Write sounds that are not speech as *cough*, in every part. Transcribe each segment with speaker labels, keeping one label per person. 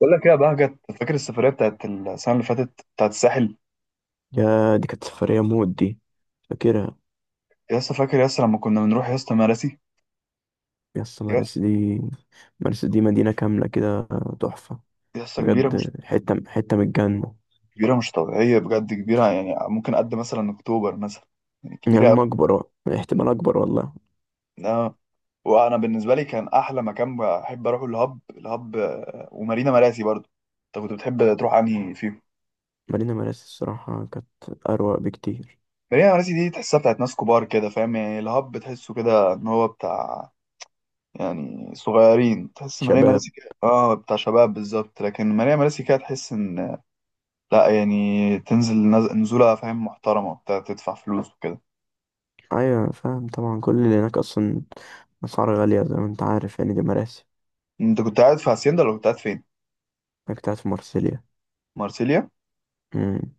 Speaker 1: بقول لك ايه يا بهجت؟ فاكر السفرية بتاعت السنة اللي فاتت بتاعت الساحل؟
Speaker 2: يا دي كانت سفرية موت دي. فاكرها.
Speaker 1: يا اسطى فاكر، يا اسطى لما كنا بنروح يا اسطى مراسي.
Speaker 2: يا اسطى
Speaker 1: يا
Speaker 2: مرسى دي. مرسى دي مدينة كاملة كده. تحفة.
Speaker 1: يا اسطى كبيرة مش؟
Speaker 2: بجد حتة حتة من الجنة.
Speaker 1: كبيرة مش طبيعية، بجد كبيرة، يعني ممكن قد مثلا أكتوبر مثلا، يعني
Speaker 2: يا
Speaker 1: كبيرة أوي.
Speaker 2: عم أكبر بقى. احتمال أكبر والله.
Speaker 1: آه. وأنا بالنسبة لي كان أحلى مكان بحب أروحه الهب. ومارينا مراسي برضه. أنت كنت بتحب تروح أنهي فيهم؟
Speaker 2: مدينة مرسى الصراحة كانت أروق بكتير.
Speaker 1: مارينا مراسي دي تحسها بتاعت ناس كبار كده، فاهم يعني؟ الهب تحسه كده إن هو بتاع، يعني صغيرين. تحس ماريا
Speaker 2: شباب.
Speaker 1: مراسي كده بتاع شباب بالظبط، لكن ماريا مراسي كده تحس ان، لا يعني، تنزل نزولة فاهم، محترمة بتاع تدفع فلوس وكده.
Speaker 2: أيوة فاهم طبعا، كل اللي هناك أصلا أسعار غالية زي ما أنت عارف يعني، دي مراسي.
Speaker 1: انت كنت قاعد في هاسيندا ولا كنت قاعد فين؟
Speaker 2: أنا كنت قاعد في مرسيليا.
Speaker 1: مارسيليا؟
Speaker 2: مم.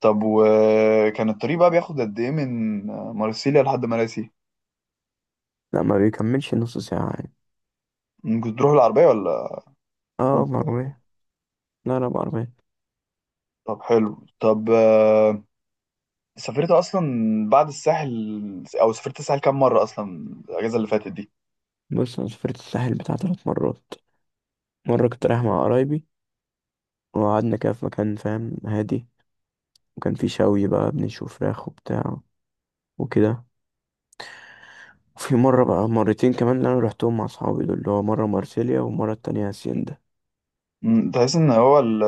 Speaker 1: طب، وكان الطريق بقى بياخد قد ايه من مارسيليا لحد مراسي؟
Speaker 2: لا ما بيكملش نص ساعة يعني.
Speaker 1: كنت تروح العربية ولا
Speaker 2: اه
Speaker 1: أوبر؟
Speaker 2: بعربية. لا لا بعربية.
Speaker 1: طب حلو. طب، سافرت اصلا بعد الساحل، او سافرت الساحل كام مرة اصلا الاجازة اللي فاتت دي؟
Speaker 2: بص أنا سافرت الساحل بتاع تلات مرات. مرة كنت رايح مع قرايبي وقعدنا كده في مكان فاهم هادي، وكان في شوي بقى بنشوي فراخ وبتاع وكده. وفي مرة بقى مرتين كمان اللي أنا روحتهم مع أصحابي دول، اللي هو مرة مارسيليا والمرة التانية هاسيندا.
Speaker 1: تحس ان هو ال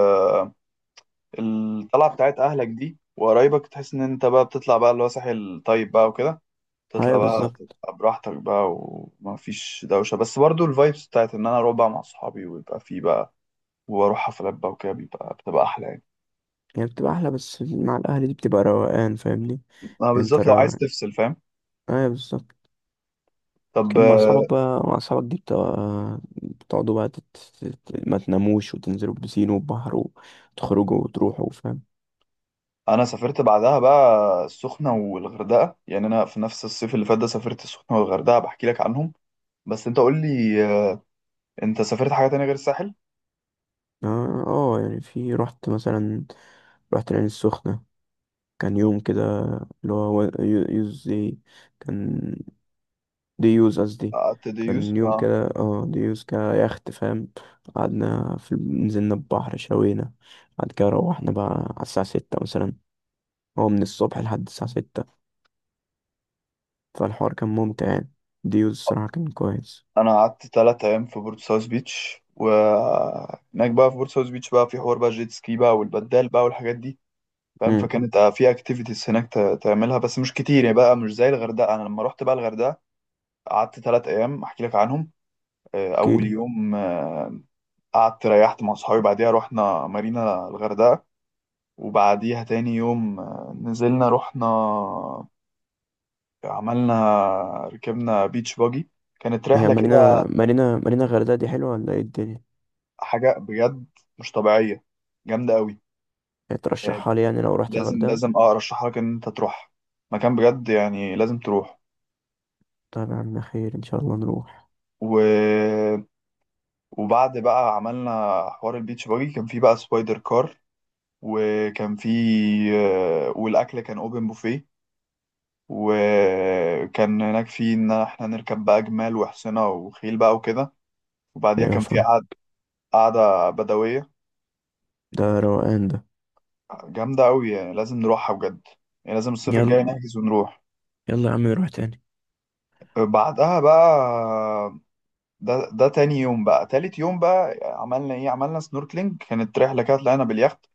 Speaker 1: الطلعه بتاعت اهلك دي وقرايبك، تحس ان انت بقى بتطلع بقى اللي هو ساحل طيب بقى وكده، تطلع
Speaker 2: أيوة
Speaker 1: بقى
Speaker 2: بالظبط.
Speaker 1: تبقى براحتك بقى وما فيش دوشه، بس برضو الفايبس بتاعت ان انا اروح بقى مع اصحابي ويبقى في بقى واروح حفلات بقى وكده بتبقى احلى يعني،
Speaker 2: يعني بتبقى أحلى، بس مع الأهل دي بتبقى روقان فاهمني.
Speaker 1: ما
Speaker 2: أنت
Speaker 1: بالذات لو عايز
Speaker 2: الروقان.
Speaker 1: تفصل فاهم.
Speaker 2: أيوة بالظبط.
Speaker 1: طب،
Speaker 2: لكن مع أصحابك بقى، مع أصحابك دي بتبقى بتقعدوا بقى تت... تت- ما تناموش وتنزلوا البسين والبحر وتخرجوا وتروحوا فاهم.
Speaker 1: انا سافرت بعدها بقى السخنه والغردقه، يعني انا في نفس الصيف اللي فات ده سافرت السخنه والغردقه بحكي لك عنهم. بس انت قول لي، انت سافرت حاجه تانية غير الساحل؟
Speaker 2: اه يعني في رحت مثلا، رحت العين السخنة. كان يوم كده اللي هو يوز دي. كان دي يوز قصدي.
Speaker 1: قعدت ديوز.
Speaker 2: كان يوم كده اه دي يوز كيخت فاهم. قعدنا في نزلنا البحر شوينا. بعد كده روحنا بقى على الساعة ستة مثلا. هو من الصبح لحد الساعة ستة، فالحوار كان ممتع يعني. دي يوز الصراحة كان كويس.
Speaker 1: انا قعدت 3 ايام في بورت ساوث بيتش، وهناك بقى في بورت ساوث بيتش بقى في حوار بقى جيت سكي بقى والبدال بقى والحاجات دي، فاهم؟
Speaker 2: امم.
Speaker 1: فكانت في اكتيفيتيز هناك تعملها بس مش كتير يعني بقى مش زي الغردقه. انا لما رحت بقى الغردقه قعدت 3 ايام احكي لك عنهم. اول
Speaker 2: احكيلي.
Speaker 1: يوم قعدت ريحت مع صحابي، بعديها رحنا مارينا الغردقه. وبعديها تاني يوم نزلنا رحنا، عملنا، ركبنا بيتش باجي، كانت
Speaker 2: هي
Speaker 1: رحله
Speaker 2: مارينا
Speaker 1: كده
Speaker 2: مارينا الغردقة دي حلوة ولا ايه الدنيا؟
Speaker 1: حاجه بجد مش طبيعيه، جامده قوي.
Speaker 2: يعني
Speaker 1: آه،
Speaker 2: ترشحها لي يعني لو رحت
Speaker 1: لازم
Speaker 2: الغردقة؟
Speaker 1: لازم ارشح لك ان انت تروح مكان بجد، يعني لازم تروح.
Speaker 2: طيب يا عم، خير ان شاء الله نروح.
Speaker 1: و... وبعد بقى عملنا حوار البيتش باجي، كان في بقى سبايدر كار، وكان في والاكل كان اوبن بوفيه، وكان هناك في ان احنا نركب بقى جمال وحصنة وخيل بقى وكده. وبعديها
Speaker 2: ايوه
Speaker 1: كان في
Speaker 2: فاهم.
Speaker 1: قعدة بدوية
Speaker 2: ده روقان ده.
Speaker 1: جامدة أوي، يعني لازم نروحها بجد، يعني لازم الصيف الجاي
Speaker 2: يلا،
Speaker 1: نحجز ونروح.
Speaker 2: يلا يا عم نروح تاني.
Speaker 1: بعدها بقى، ده تاني يوم بقى تالت يوم بقى، عملنا ايه؟ عملنا سنوركلينج، كانت رحله كده طلعنا باليخت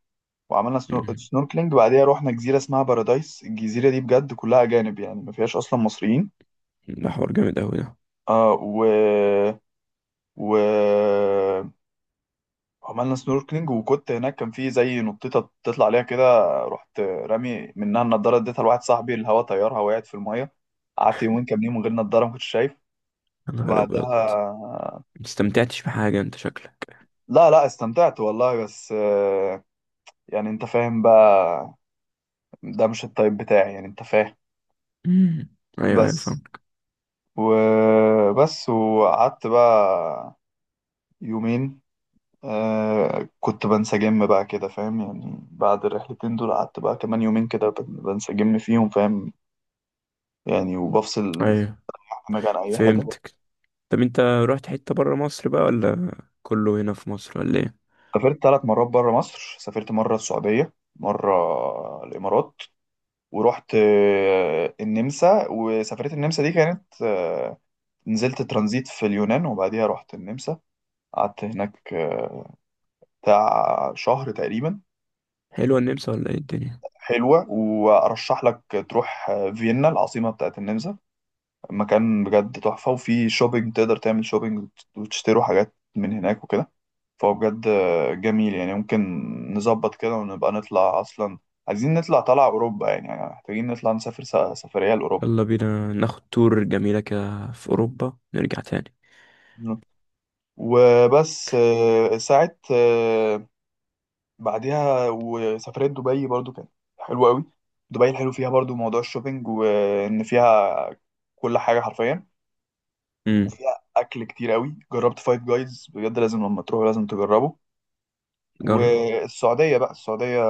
Speaker 1: وعملنا
Speaker 2: مم.
Speaker 1: سنوركلينج، بعديها رحنا جزيره اسمها بارادايس. الجزيره دي بجد كلها اجانب، يعني ما فيهاش اصلا مصريين.
Speaker 2: ده حوار جامد أوي ده.
Speaker 1: آه و و عملنا سنوركلينج، وكنت هناك كان في زي نطيطه تطلع عليها كده، رحت رامي منها النضاره، اديتها لواحد صاحبي، الهوا طيرها وقعت في الميه. قعدت يومين كاملين من غير نضاره، ما كنتش شايف.
Speaker 2: يا نهار أبيض.
Speaker 1: وبعدها،
Speaker 2: مستمتعتش بحاجة أنت شكلك.
Speaker 1: لا لا استمتعت والله، بس يعني انت فاهم بقى، ده مش التايب بتاعي يعني، انت فاهم.
Speaker 2: مم. أيوه أيوه
Speaker 1: بس.
Speaker 2: فهمك.
Speaker 1: وبس وقعدت بقى يومين، كنت بنسجم بقى كده فاهم، يعني بعد الرحلتين دول قعدت بقى كمان يومين كده بنسجم فيهم، فاهم؟ يعني وبفصل
Speaker 2: أيوه
Speaker 1: دماغي عن اي حاجة.
Speaker 2: فهمتك. طب أنت رحت حتة برا مصر بقى ولا كله هنا في مصر ولا إيه؟
Speaker 1: سافرت 3 مرات بره مصر. سافرت مرة السعودية، مرة الإمارات، ورحت النمسا. وسفرية النمسا دي كانت، نزلت ترانزيت في اليونان، وبعديها رحت النمسا. قعدت هناك بتاع شهر تقريبا.
Speaker 2: حلوة النمسا ولا إيه الدنيا؟
Speaker 1: حلوة، وأرشح لك تروح فيينا العاصمة بتاعت النمسا، مكان بجد تحفة، وفي شوبينج تقدر تعمل شوبينج وتشتروا حاجات من هناك وكده. فهو بجد جميل. يعني ممكن نظبط كده ونبقى نطلع، أصلا عايزين نطلع طلع أوروبا، يعني محتاجين نطلع نسافر سفرية لأوروبا.
Speaker 2: يلا بينا ناخد تور جميلة كده في أوروبا نرجع تاني.
Speaker 1: وبس، ساعة، بعدها وسافرت دبي برضو، كانت حلوة قوي. دبي الحلو فيها برضو موضوع الشوبينج، وإن فيها كل حاجة حرفيا.
Speaker 2: مم.
Speaker 1: وفيها أكل كتير قوي، جربت فايف جايز بجد، لازم لما تروحوا لازم تجربه.
Speaker 2: جرب.
Speaker 1: والسعودية بقى، السعودية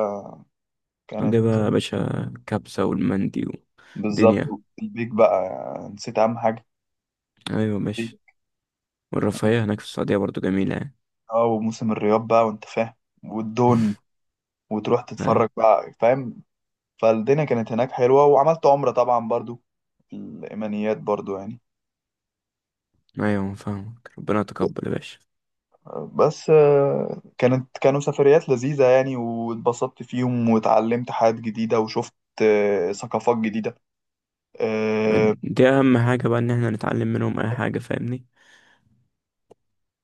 Speaker 1: كانت
Speaker 2: السعودية بقى يا باشا، كبسة والمندي
Speaker 1: بالظبط،
Speaker 2: ودنيا.
Speaker 1: البيك بقى، نسيت أهم حاجة.
Speaker 2: أيوه ماشي. والرفاهية هناك في السعودية برضو جميلة يعني.
Speaker 1: اه وموسم الرياض بقى، وأنت فاهم، والدون،
Speaker 2: *laughs*
Speaker 1: وتروح
Speaker 2: أيوه
Speaker 1: تتفرج بقى، فاهم؟ فالدنيا كانت هناك حلوة، وعملت عمرة طبعا برضو، الإيمانيات برضو يعني.
Speaker 2: أيوه فاهمك، ربنا يتقبل يا باشا.
Speaker 1: بس كانوا سفريات لذيذة يعني، واتبسطت فيهم واتعلمت حاجات جديدة، وشفت ثقافات جديدة. اه.
Speaker 2: دي اهم حاجة بقى، ان احنا نتعلم منهم اي حاجة فاهمني.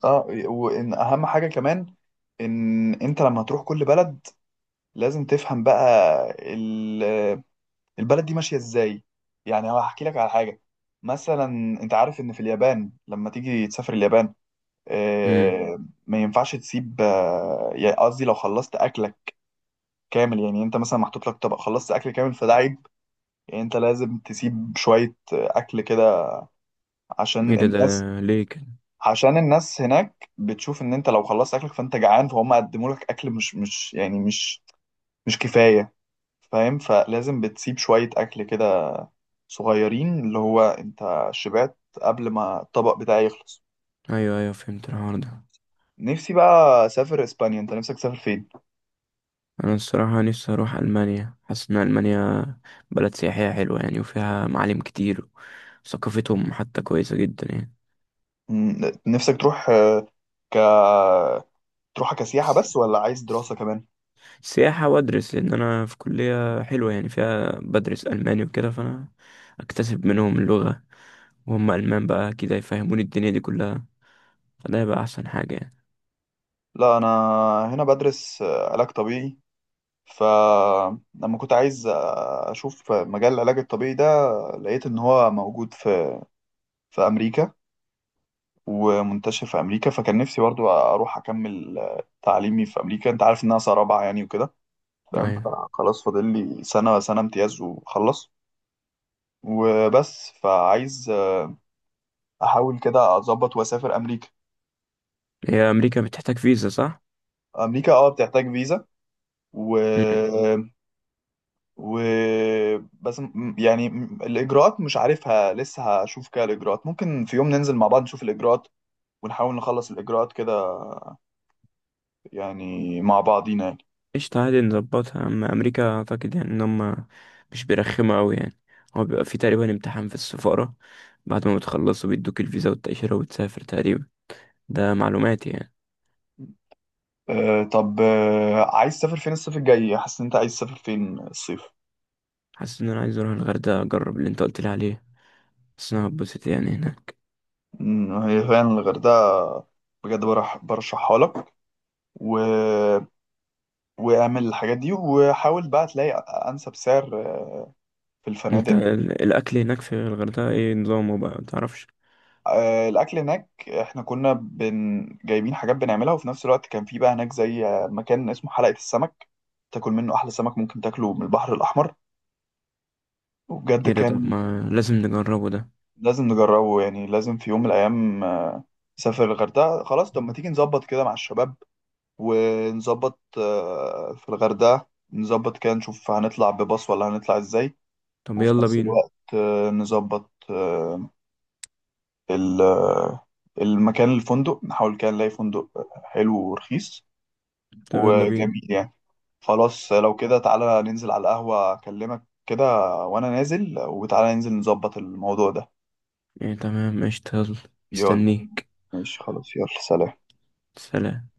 Speaker 1: وإن أهم حاجة كمان، إن أنت لما هتروح كل بلد لازم تفهم بقى ال- آه، البلد دي ماشية إزاي. يعني هحكي لك على حاجة، مثلا أنت عارف إن في اليابان لما تيجي تسافر اليابان
Speaker 2: امم.
Speaker 1: آه، ما ينفعش تسيب، يعني قصدي لو خلصت اكلك كامل، يعني انت مثلا محطوط لك طبق، خلصت اكل كامل، فده عيب. يعني انت لازم تسيب شوية اكل كده
Speaker 2: ايه
Speaker 1: عشان
Speaker 2: ده؟ ده
Speaker 1: الناس.
Speaker 2: ليه كده؟
Speaker 1: عشان الناس هناك بتشوف ان انت لو خلصت اكلك فانت جعان، فهم قدموا لك اكل مش يعني مش كفاية، فاهم؟ فلازم بتسيب شوية اكل كده صغيرين، اللي هو انت شبعت قبل ما الطبق بتاعي يخلص.
Speaker 2: ايوه ايوه فهمت الحوار ده.
Speaker 1: نفسي بقى اسافر اسبانيا، انت نفسك تسافر فين؟
Speaker 2: انا الصراحة نفسي اروح المانيا، حاسس ان المانيا بلد سياحية حلوة يعني وفيها معالم كتير، وثقافتهم حتى كويسة جدا يعني.
Speaker 1: نفسك تروح آه، ك تروحها كسياحة بس، ولا عايز دراسة كمان؟
Speaker 2: سياحة وادرس، لان انا في كلية حلوة يعني فيها بدرس الماني وكده، فانا اكتسب منهم اللغة وهم المان بقى كده يفهموني الدنيا دي كلها، فده يبقى احسن حاجة يعني.
Speaker 1: لا، أنا هنا بدرس علاج طبيعي. فلما كنت عايز أشوف مجال العلاج الطبيعي ده، لقيت إن هو موجود في أمريكا، ومنتشر في أمريكا. فكان نفسي برضو أروح أكمل تعليمي في أمريكا. أنت عارف إن أنا سنة رابعة يعني وكده، فاهم؟
Speaker 2: ايوه.
Speaker 1: فخلاص، فاضل لي سنة، سنة امتياز وخلص. وبس. فعايز أحاول كده أظبط وأسافر أمريكا.
Speaker 2: هي امريكا بتحتاج فيزا صح؟
Speaker 1: امريكا بتحتاج فيزا. و و بس يعني الاجراءات مش عارفها لسه، هشوف كده الاجراءات. ممكن في يوم ننزل مع بعض نشوف الاجراءات، ونحاول نخلص الاجراءات كده يعني، مع بعضينا يعني.
Speaker 2: قشطة عادي نظبطها. أما أمريكا أعتقد يعني إن هما مش بيرخموا أوي يعني. هو بيبقى فيه تقريبا امتحان في السفارة، بعد ما بتخلصوا بيدوك الفيزا والتأشيرة وتسافر تقريبا. ده معلوماتي يعني.
Speaker 1: طب، عايز تسافر فين الصيف الجاي؟ حاسس ان انت عايز تسافر فين الصيف؟
Speaker 2: حاسس إن أنا عايز أروح الغردقة أجرب اللي أنت قلت لي عليه، بس أنا هتبسط يعني هناك.
Speaker 1: هي فعلا الغردقه بجد، برشحها لك، و... واعمل الحاجات دي، وحاول بقى تلاقي انسب سعر في
Speaker 2: أنت
Speaker 1: الفنادق.
Speaker 2: الأكل هناك في الغردقة إيه نظامه بقى متعرفش؟
Speaker 1: الاكل هناك احنا كنا جايبين حاجات بنعملها، وفي نفس الوقت كان في بقى هناك زي مكان اسمه حلقة السمك، تاكل منه احلى سمك ممكن تاكله من البحر الاحمر، وبجد
Speaker 2: إيه ده؟ طب
Speaker 1: كان
Speaker 2: ما لازم نجربه ده.
Speaker 1: لازم نجربه. يعني لازم في يوم من الايام نسافر الغردقة، خلاص. طب ما تيجي نظبط كده مع الشباب ونظبط في الغردقة، نظبط كده نشوف هنطلع بباص ولا هنطلع ازاي.
Speaker 2: طب
Speaker 1: وفي
Speaker 2: يلا
Speaker 1: نفس
Speaker 2: بينا.
Speaker 1: الوقت نظبط ال- آه، المكان الفندق، نحاول كده نلاقي فندق حلو ورخيص
Speaker 2: طب يلا بينا.
Speaker 1: وجميل يعني. خلاص لو كده تعالى ننزل على القهوة، أكلمك كده وأنا نازل، وتعالى ننزل نظبط الموضوع ده.
Speaker 2: يعني تمام قشطة، يلا.
Speaker 1: يلا
Speaker 2: مستنيك.
Speaker 1: ماشي خلاص. يلا سلام.
Speaker 2: سلام.